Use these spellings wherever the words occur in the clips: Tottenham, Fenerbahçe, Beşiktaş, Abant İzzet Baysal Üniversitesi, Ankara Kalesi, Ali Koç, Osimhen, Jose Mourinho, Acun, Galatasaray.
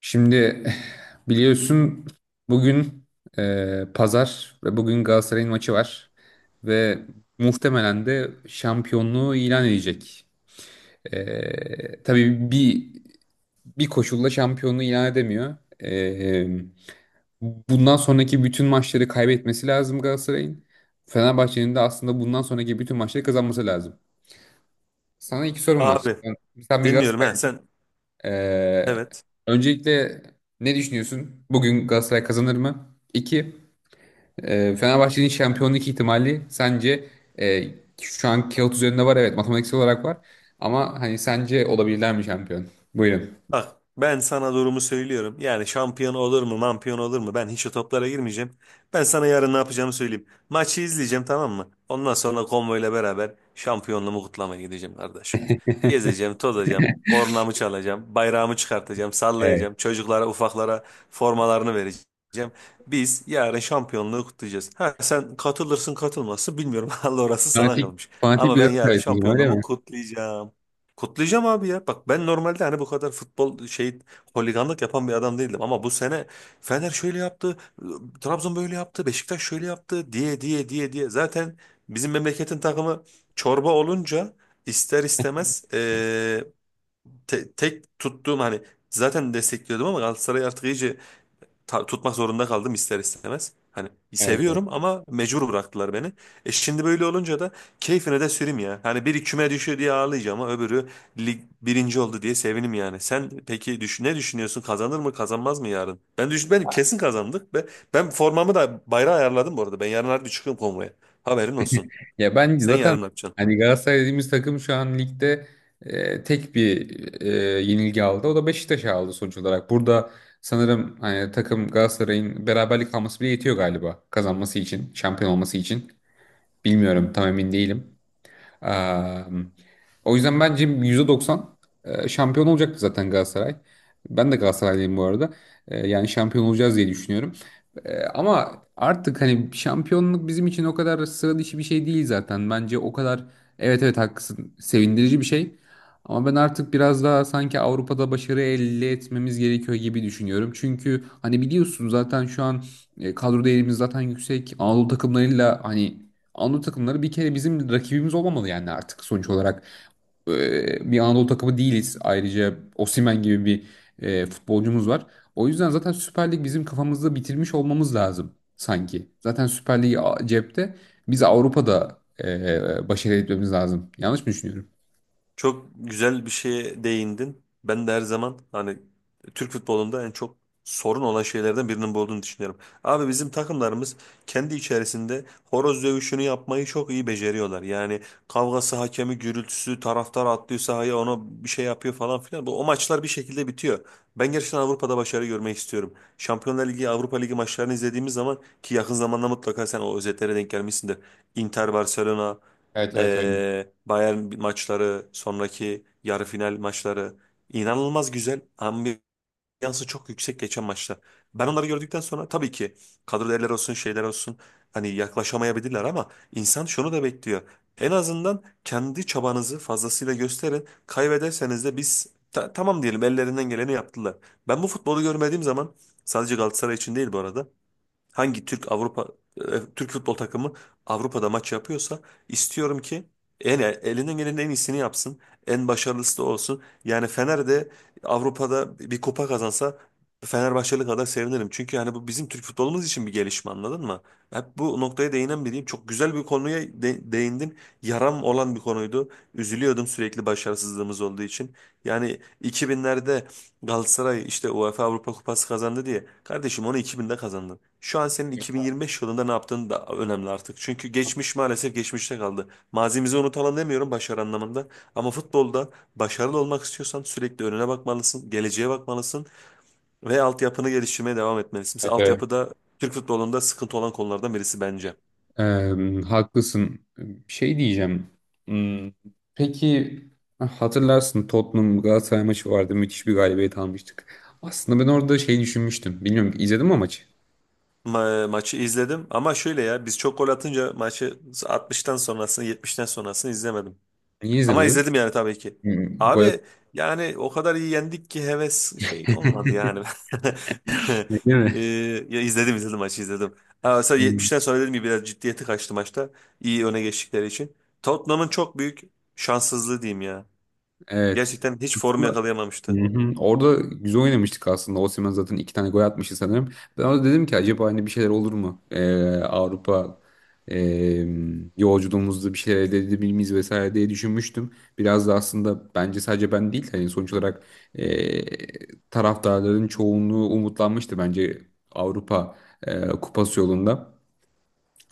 Şimdi biliyorsun bugün pazar ve bugün Galatasaray'ın maçı var ve muhtemelen de şampiyonluğu ilan edecek. Tabii bir koşulla şampiyonluğu ilan edemiyor. E, bundan sonraki bütün maçları kaybetmesi lazım Galatasaray'ın. Fenerbahçe'nin de aslında bundan sonraki bütün maçları kazanması lazım. Sana iki sorum var. Abi, Sen, sen bir dinliyorum. Ha Galatasaraylı, sen, ee, evet. öncelikle ne düşünüyorsun? Bugün Galatasaray kazanır mı? İki, Fenerbahçe'nin şampiyonluk ihtimali sence e, şu an kağıt üzerinde var, evet, matematiksel olarak var ama hani sence olabilirler mi şampiyon? Buyurun. Bak, ben sana durumu söylüyorum. Yani şampiyon olur mu, mampiyon olur mu? Ben hiç o toplara girmeyeceğim. Ben sana yarın ne yapacağımı söyleyeyim. Maçı izleyeceğim, tamam mı? Ondan sonra konvoyla beraber şampiyonluğumu kutlamaya gideceğim kardeşim. Gezeceğim, tozacağım, kornamı çalacağım, bayrağımı çıkartacağım, Evet. sallayacağım. Çocuklara, ufaklara formalarını vereceğim. Biz yarın şampiyonluğu kutlayacağız. Ha sen katılırsın katılmazsın bilmiyorum. Allah, orası sana Fanatik, kalmış. fanatik Ama bir ben yarın Galatasaraylısınız ama öyle şampiyonluğumu mi? kutlayacağım. Kutlayacağım abi ya. Bak, ben normalde hani bu kadar futbol şey, holiganlık yapan bir adam değildim ama bu sene Fener şöyle yaptı, Trabzon böyle yaptı, Beşiktaş şöyle yaptı diye diye diye diye. Zaten bizim memleketin takımı çorba olunca ister istemez tek tuttuğum, hani zaten destekliyordum ama Galatasaray artık iyice tutmak zorunda kaldım ister istemez. Hani Evet. seviyorum ama mecbur bıraktılar beni. E, şimdi böyle olunca da keyfine de süreyim ya. Hani biri küme düşüyor diye ağlayacağım ama öbürü lig birinci oldu diye sevinim yani. Sen peki düş ne düşünüyorsun? Kazanır mı kazanmaz mı yarın? Ben düşün ben kesin kazandık ve ben formamı da bayrağı ayarladım bu arada. Ben yarın harbi çıkıyorum konvoya. Haberin olsun. Ya ben Sen yarın zaten ne yapacaksın? hani Galatasaray dediğimiz takım şu an ligde tek bir yenilgi aldı. O da Beşiktaş'a aldı sonuç olarak. Burada sanırım hani takım Galatasaray'ın beraberlik alması bile yetiyor galiba kazanması için, şampiyon olması için. Bilmiyorum, tam emin değilim. Eee, o yüzden bence %90 şampiyon olacaktı zaten Galatasaray. Ben de Galatasaraylıyım bu arada. Yani şampiyon olacağız diye düşünüyorum. Ama artık hani şampiyonluk bizim için o kadar sıra dışı bir şey değil zaten. Bence o kadar, evet, evet, haklısın, sevindirici bir şey. Ama ben artık biraz daha sanki Avrupa'da başarı elde etmemiz gerekiyor gibi düşünüyorum. Çünkü hani biliyorsun zaten şu an kadro değerimiz zaten yüksek. Anadolu takımlarıyla hani Anadolu takımları bir kere bizim rakibimiz olmamalı yani artık sonuç olarak bir Anadolu takımı değiliz. Ayrıca Osimhen gibi bir futbolcumuz var. O yüzden zaten Süper Lig bizim kafamızda bitirmiş olmamız lazım sanki. Zaten Süper Lig cepte. Biz Avrupa'da başarı etmemiz lazım. Yanlış mı düşünüyorum? Çok güzel bir şeye değindin. Ben de her zaman hani Türk futbolunda en çok sorun olan şeylerden birinin bu olduğunu düşünüyorum. Abi, bizim takımlarımız kendi içerisinde horoz dövüşünü yapmayı çok iyi beceriyorlar. Yani kavgası, hakemi, gürültüsü, taraftar atlıyor sahaya, ona bir şey yapıyor falan filan. Bu o maçlar bir şekilde bitiyor. Ben gerçekten Avrupa'da başarı görmek istiyorum. Şampiyonlar Ligi, Avrupa Ligi maçlarını izlediğimiz zaman, ki yakın zamanda mutlaka sen o özetlere denk gelmişsindir. Inter Barcelona, Evet, evet, öyle. Bayern maçları, sonraki yarı final maçları inanılmaz güzel. Ambiyansı çok yüksek geçen maçlar. Ben onları gördükten sonra tabii ki kadro değerleri olsun, şeyler olsun, hani yaklaşamayabilirler ama insan şunu da bekliyor. En azından kendi çabanızı fazlasıyla gösterin. Kaybederseniz de biz tamam diyelim, ellerinden geleni yaptılar. Ben bu futbolu görmediğim zaman, sadece Galatasaray için değil bu arada, hangi Türk Türk futbol takımı Avrupa'da maç yapıyorsa istiyorum ki en elinden gelenin en iyisini yapsın. En başarılısı da olsun. Yani Fener de Avrupa'da bir kupa kazansa Fenerbahçeli kadar sevinirim. Çünkü yani bu bizim Türk futbolumuz için bir gelişme, anladın mı? Hep bu noktaya değinen biriyim. Çok güzel bir konuya değindin. Yaram olan bir konuydu. Üzülüyordum sürekli başarısızlığımız olduğu için. Yani 2000'lerde Galatasaray işte UEFA Avrupa Kupası kazandı diye. Kardeşim, onu 2000'de kazandın. Şu an senin Evet, 2025 yılında ne yaptığın da önemli artık. Çünkü geçmiş maalesef geçmişte kaldı. Mazimizi unutalım demiyorum başarı anlamında. Ama futbolda başarılı olmak istiyorsan sürekli önüne bakmalısın, geleceğe bakmalısın ve altyapını geliştirmeye devam etmelisin. Mesela evet. altyapıda Türk futbolunda sıkıntı olan konulardan birisi bence. Ee, haklısın. Şey diyeceğim. Hmm, Peki, hatırlarsın, Tottenham Galatasaray maçı vardı. Müthiş bir galibiyet almıştık. Aslında ben orada şey düşünmüştüm. Bilmiyorum, izledin mi o maçı? Maçı izledim ama şöyle ya, biz çok gol atınca maçı 60'tan sonrasını, 70'ten sonrasını izlemedim. Niye Ama izlemedin? izledim yani tabii ki. Gol Abi, yani o kadar iyi yendik ki heves şey olmadı yani. atmış değil mi? Ee, ya izledim izledim, maçı izledim. Aa, mesela Hmm. 70'ten sonra dedim ki biraz ciddiyeti kaçtı maçta. İyi öne geçtikleri için. Tottenham'ın çok büyük şanssızlığı diyeyim ya. Evet. Gerçekten hiç form Hı yakalayamamıştı. hı. Orada güzel oynamıştık aslında. Osimhen zaten iki tane gol atmıştı sanırım. Ben orada dedim ki acaba hani bir şeyler olur mu? Avrupa e, yolculuğumuzda bir şeyler elde edebilir miyiz vesaire diye düşünmüştüm. Biraz da aslında bence sadece ben değil hani sonuç olarak taraftarların çoğunluğu umutlanmıştı bence Avrupa kupası yolunda.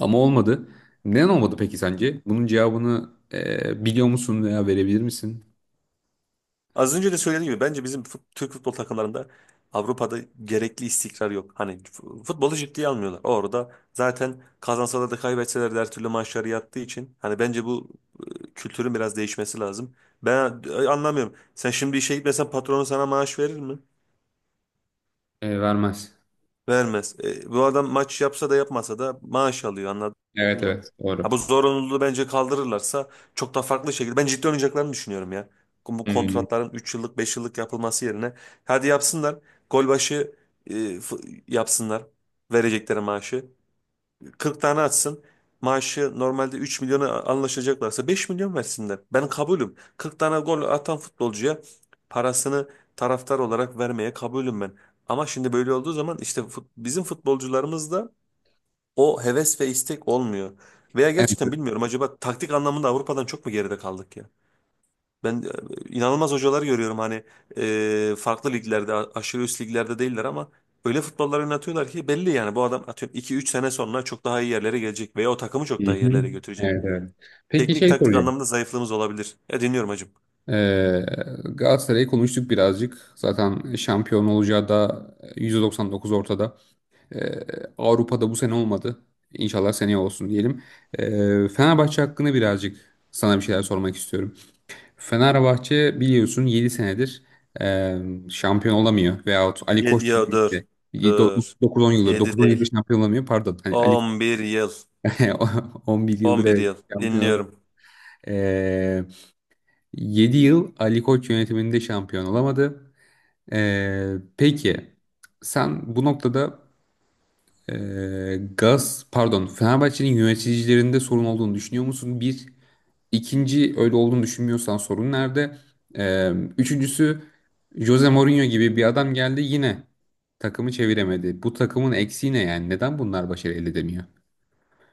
Ama olmadı. Neden olmadı peki sence? Bunun cevabını biliyor musun veya verebilir misin? Az önce de söylediğim gibi bence bizim Türk futbol takımlarında Avrupa'da gerekli istikrar yok. Hani futbolu ciddiye almıyorlar. Orada zaten kazansalar da kaybetseler de her türlü maçları yattığı için hani bence bu kültürün biraz değişmesi lazım. Ben anlamıyorum. Sen şimdi işe gitmesen patronun sana maaş verir mi? Vermez. Vermez. E, bu adam maç yapsa da yapmasa da maaş alıyor, anladın Evet, mı? evet, doğru. Ha, bu zorunluluğu bence kaldırırlarsa çok da farklı şekilde. Ben ciddi oynayacaklarını düşünüyorum ya. Bu Hmm. kontratların 3 yıllık 5 yıllık yapılması yerine hadi yapsınlar. Gol başı e, f- yapsınlar. Verecekleri maaşı. 40 tane atsın. Maaşı normalde 3 milyona anlaşacaklarsa 5 milyon versinler. Ben kabulüm. 40 tane gol atan futbolcuya parasını taraftar olarak vermeye kabulüm ben. Ama şimdi böyle olduğu zaman işte bizim futbolcularımızda o heves ve istek olmuyor. Veya Evet. gerçekten bilmiyorum, acaba taktik anlamında Avrupa'dan çok mu geride kaldık ya? Ben inanılmaz hocalar görüyorum, hani farklı liglerde aşırı üst liglerde değiller ama öyle futbollar oynatıyorlar ki belli, yani bu adam atıyorum iki üç sene sonra çok daha iyi yerlere gelecek veya o takımı Hı çok daha iyi hı. yerlere götürecek. Evet, evet. Peki Teknik şey taktik soracağım. anlamında zayıflığımız olabilir. E, dinliyorum hacım. Ee, Galatasaray'ı konuştuk birazcık. Zaten şampiyon olacağı da %99 ortada. Ee, Avrupa'da bu sene olmadı. İnşallah seneye olsun diyelim. Fenerbahçe hakkında birazcık sana bir şeyler sormak istiyorum. Fenerbahçe biliyorsun 7 senedir e, şampiyon olamıyor. Veyahut Ali Yedi Koç ya, dur döneminde dur. 9-10 yıldır, Yedi 9-10 yıldır değil. şampiyon olamıyor. Pardon. Hani Ali 11 yıl. 11 yıldır, on bir evet, yıl. şampiyon olamıyor. Dinliyorum. Ee, 7 yıl Ali Koç yönetiminde şampiyon olamadı. Peki sen bu noktada, e, Gaz pardon, Fenerbahçe'nin yöneticilerinde sorun olduğunu düşünüyor musun? Bir, ikinci, öyle olduğunu düşünmüyorsan sorun nerede? Ee, üçüncüsü, Jose Mourinho gibi bir adam geldi, yine takımı çeviremedi. Bu takımın eksiği ne yani? Neden bunlar başarı elde edemiyor?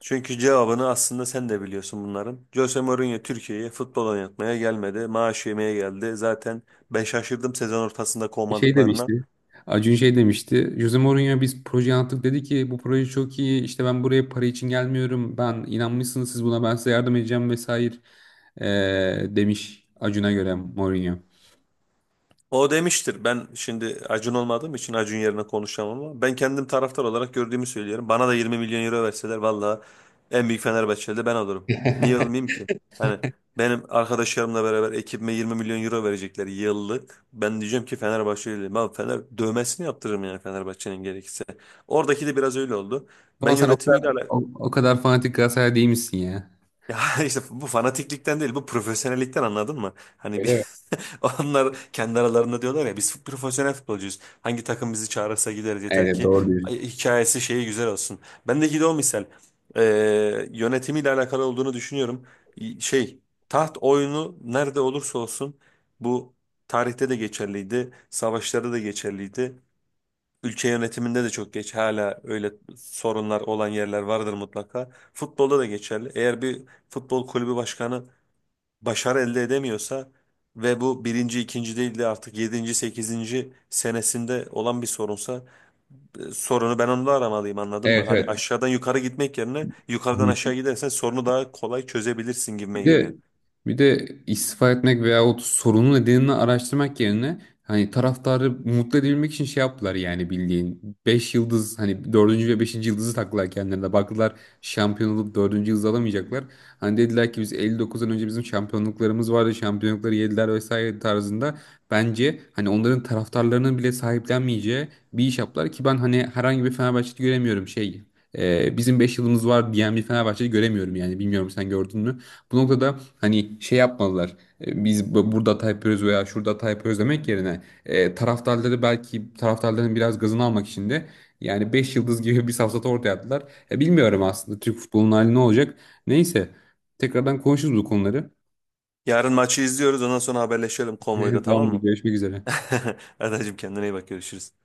Çünkü cevabını aslında sen de biliyorsun bunların. Jose Mourinho Türkiye'ye futbol oynatmaya gelmedi. Maaş yemeye geldi. Zaten ben şaşırdım sezon ortasında Şey kovmadıklarına. demişti. Acun şey demişti. Jose Mourinho, biz proje yaptık, dedi ki bu proje çok iyi. İşte ben buraya para için gelmiyorum. Ben inanmışsınız siz buna, ben size yardım edeceğim vesaire, demiş Acun'a göre Mourinho. O demiştir. Ben şimdi Acun olmadığım için Acun yerine konuşamam ama ben kendim taraftar olarak gördüğümü söylüyorum. Bana da 20 milyon euro verseler valla en büyük Fenerbahçeli de ben olurum. Niye olmayayım ki? Hani benim arkadaşlarımla beraber ekibime 20 milyon euro verecekler yıllık. Ben diyeceğim ki Fenerbahçeliyim. Abi, Fener dövmesini yaptırırım yani Fenerbahçe'nin, gerekirse. Oradaki de biraz öyle oldu. Ben Ama sen o kadar yönetimiyle alakalı. o, o kadar fanatik Galatasaray değil misin ya? Ya işte, bu fanatiklikten değil, bu profesyonellikten, anladın mı? Hani bir Öyle mi? onlar kendi aralarında diyorlar ya, biz profesyonel futbolcuyuz. Hangi takım bizi çağırırsa gideriz, yeter Evet, ki doğru diyorsun. hikayesi şeyi güzel olsun. Bendeki de o misal. Ee, yönetimiyle alakalı olduğunu düşünüyorum. Şey, taht oyunu nerede olursa olsun, bu tarihte de geçerliydi. Savaşlarda da geçerliydi. Ülke yönetiminde de çok geç hala öyle sorunlar olan yerler vardır mutlaka. Futbolda da geçerli. Eğer bir futbol kulübü başkanı başarı elde edemiyorsa ve bu birinci, ikinci değil de artık yedinci, sekizinci senesinde olan bir sorunsa sorunu ben onda aramalıyım, anladın mı? Evet, Hani evet. aşağıdan yukarı gitmek yerine Hı. yukarıdan aşağı gidersen sorunu daha kolay çözebilirsin gibime Bir de geliyor. Bir de istifa etmek veyahut sorunun nedenini araştırmak yerine, hani taraftarı mutlu edebilmek için şey yaptılar, yani bildiğin 5 yıldız. Hani dördüncü ve beşinci yıldızı taktılar, kendilerine baktılar, şampiyon olup dördüncü yıldız alamayacaklar. Hani dediler ki biz 59'dan önce bizim şampiyonluklarımız vardı, şampiyonlukları yediler vesaire tarzında. Bence hani onların taraftarlarının bile sahiplenmeyeceği bir iş yaptılar ki ben hani herhangi bir Fenerbahçe'de göremiyorum şey. Bizim 5 yılımız var diyen bir Fenerbahçe'de göremiyorum yani. Bilmiyorum, sen gördün mü? Bu noktada hani şey yapmalılar. Biz burada hata yapıyoruz veya şurada hata yapıyoruz demek yerine, taraftarları, belki taraftarların biraz gazını almak için de, yani 5 yıldız gibi bir safsata ortaya attılar. Bilmiyorum aslında Türk futbolunun hali ne olacak. Neyse, tekrardan konuşuruz bu konuları. Yarın maçı izliyoruz, ondan sonra haberleşelim konvoyda, tamam Tamamdır, mı? görüşmek üzere. Adacığım, kendine iyi bak, görüşürüz.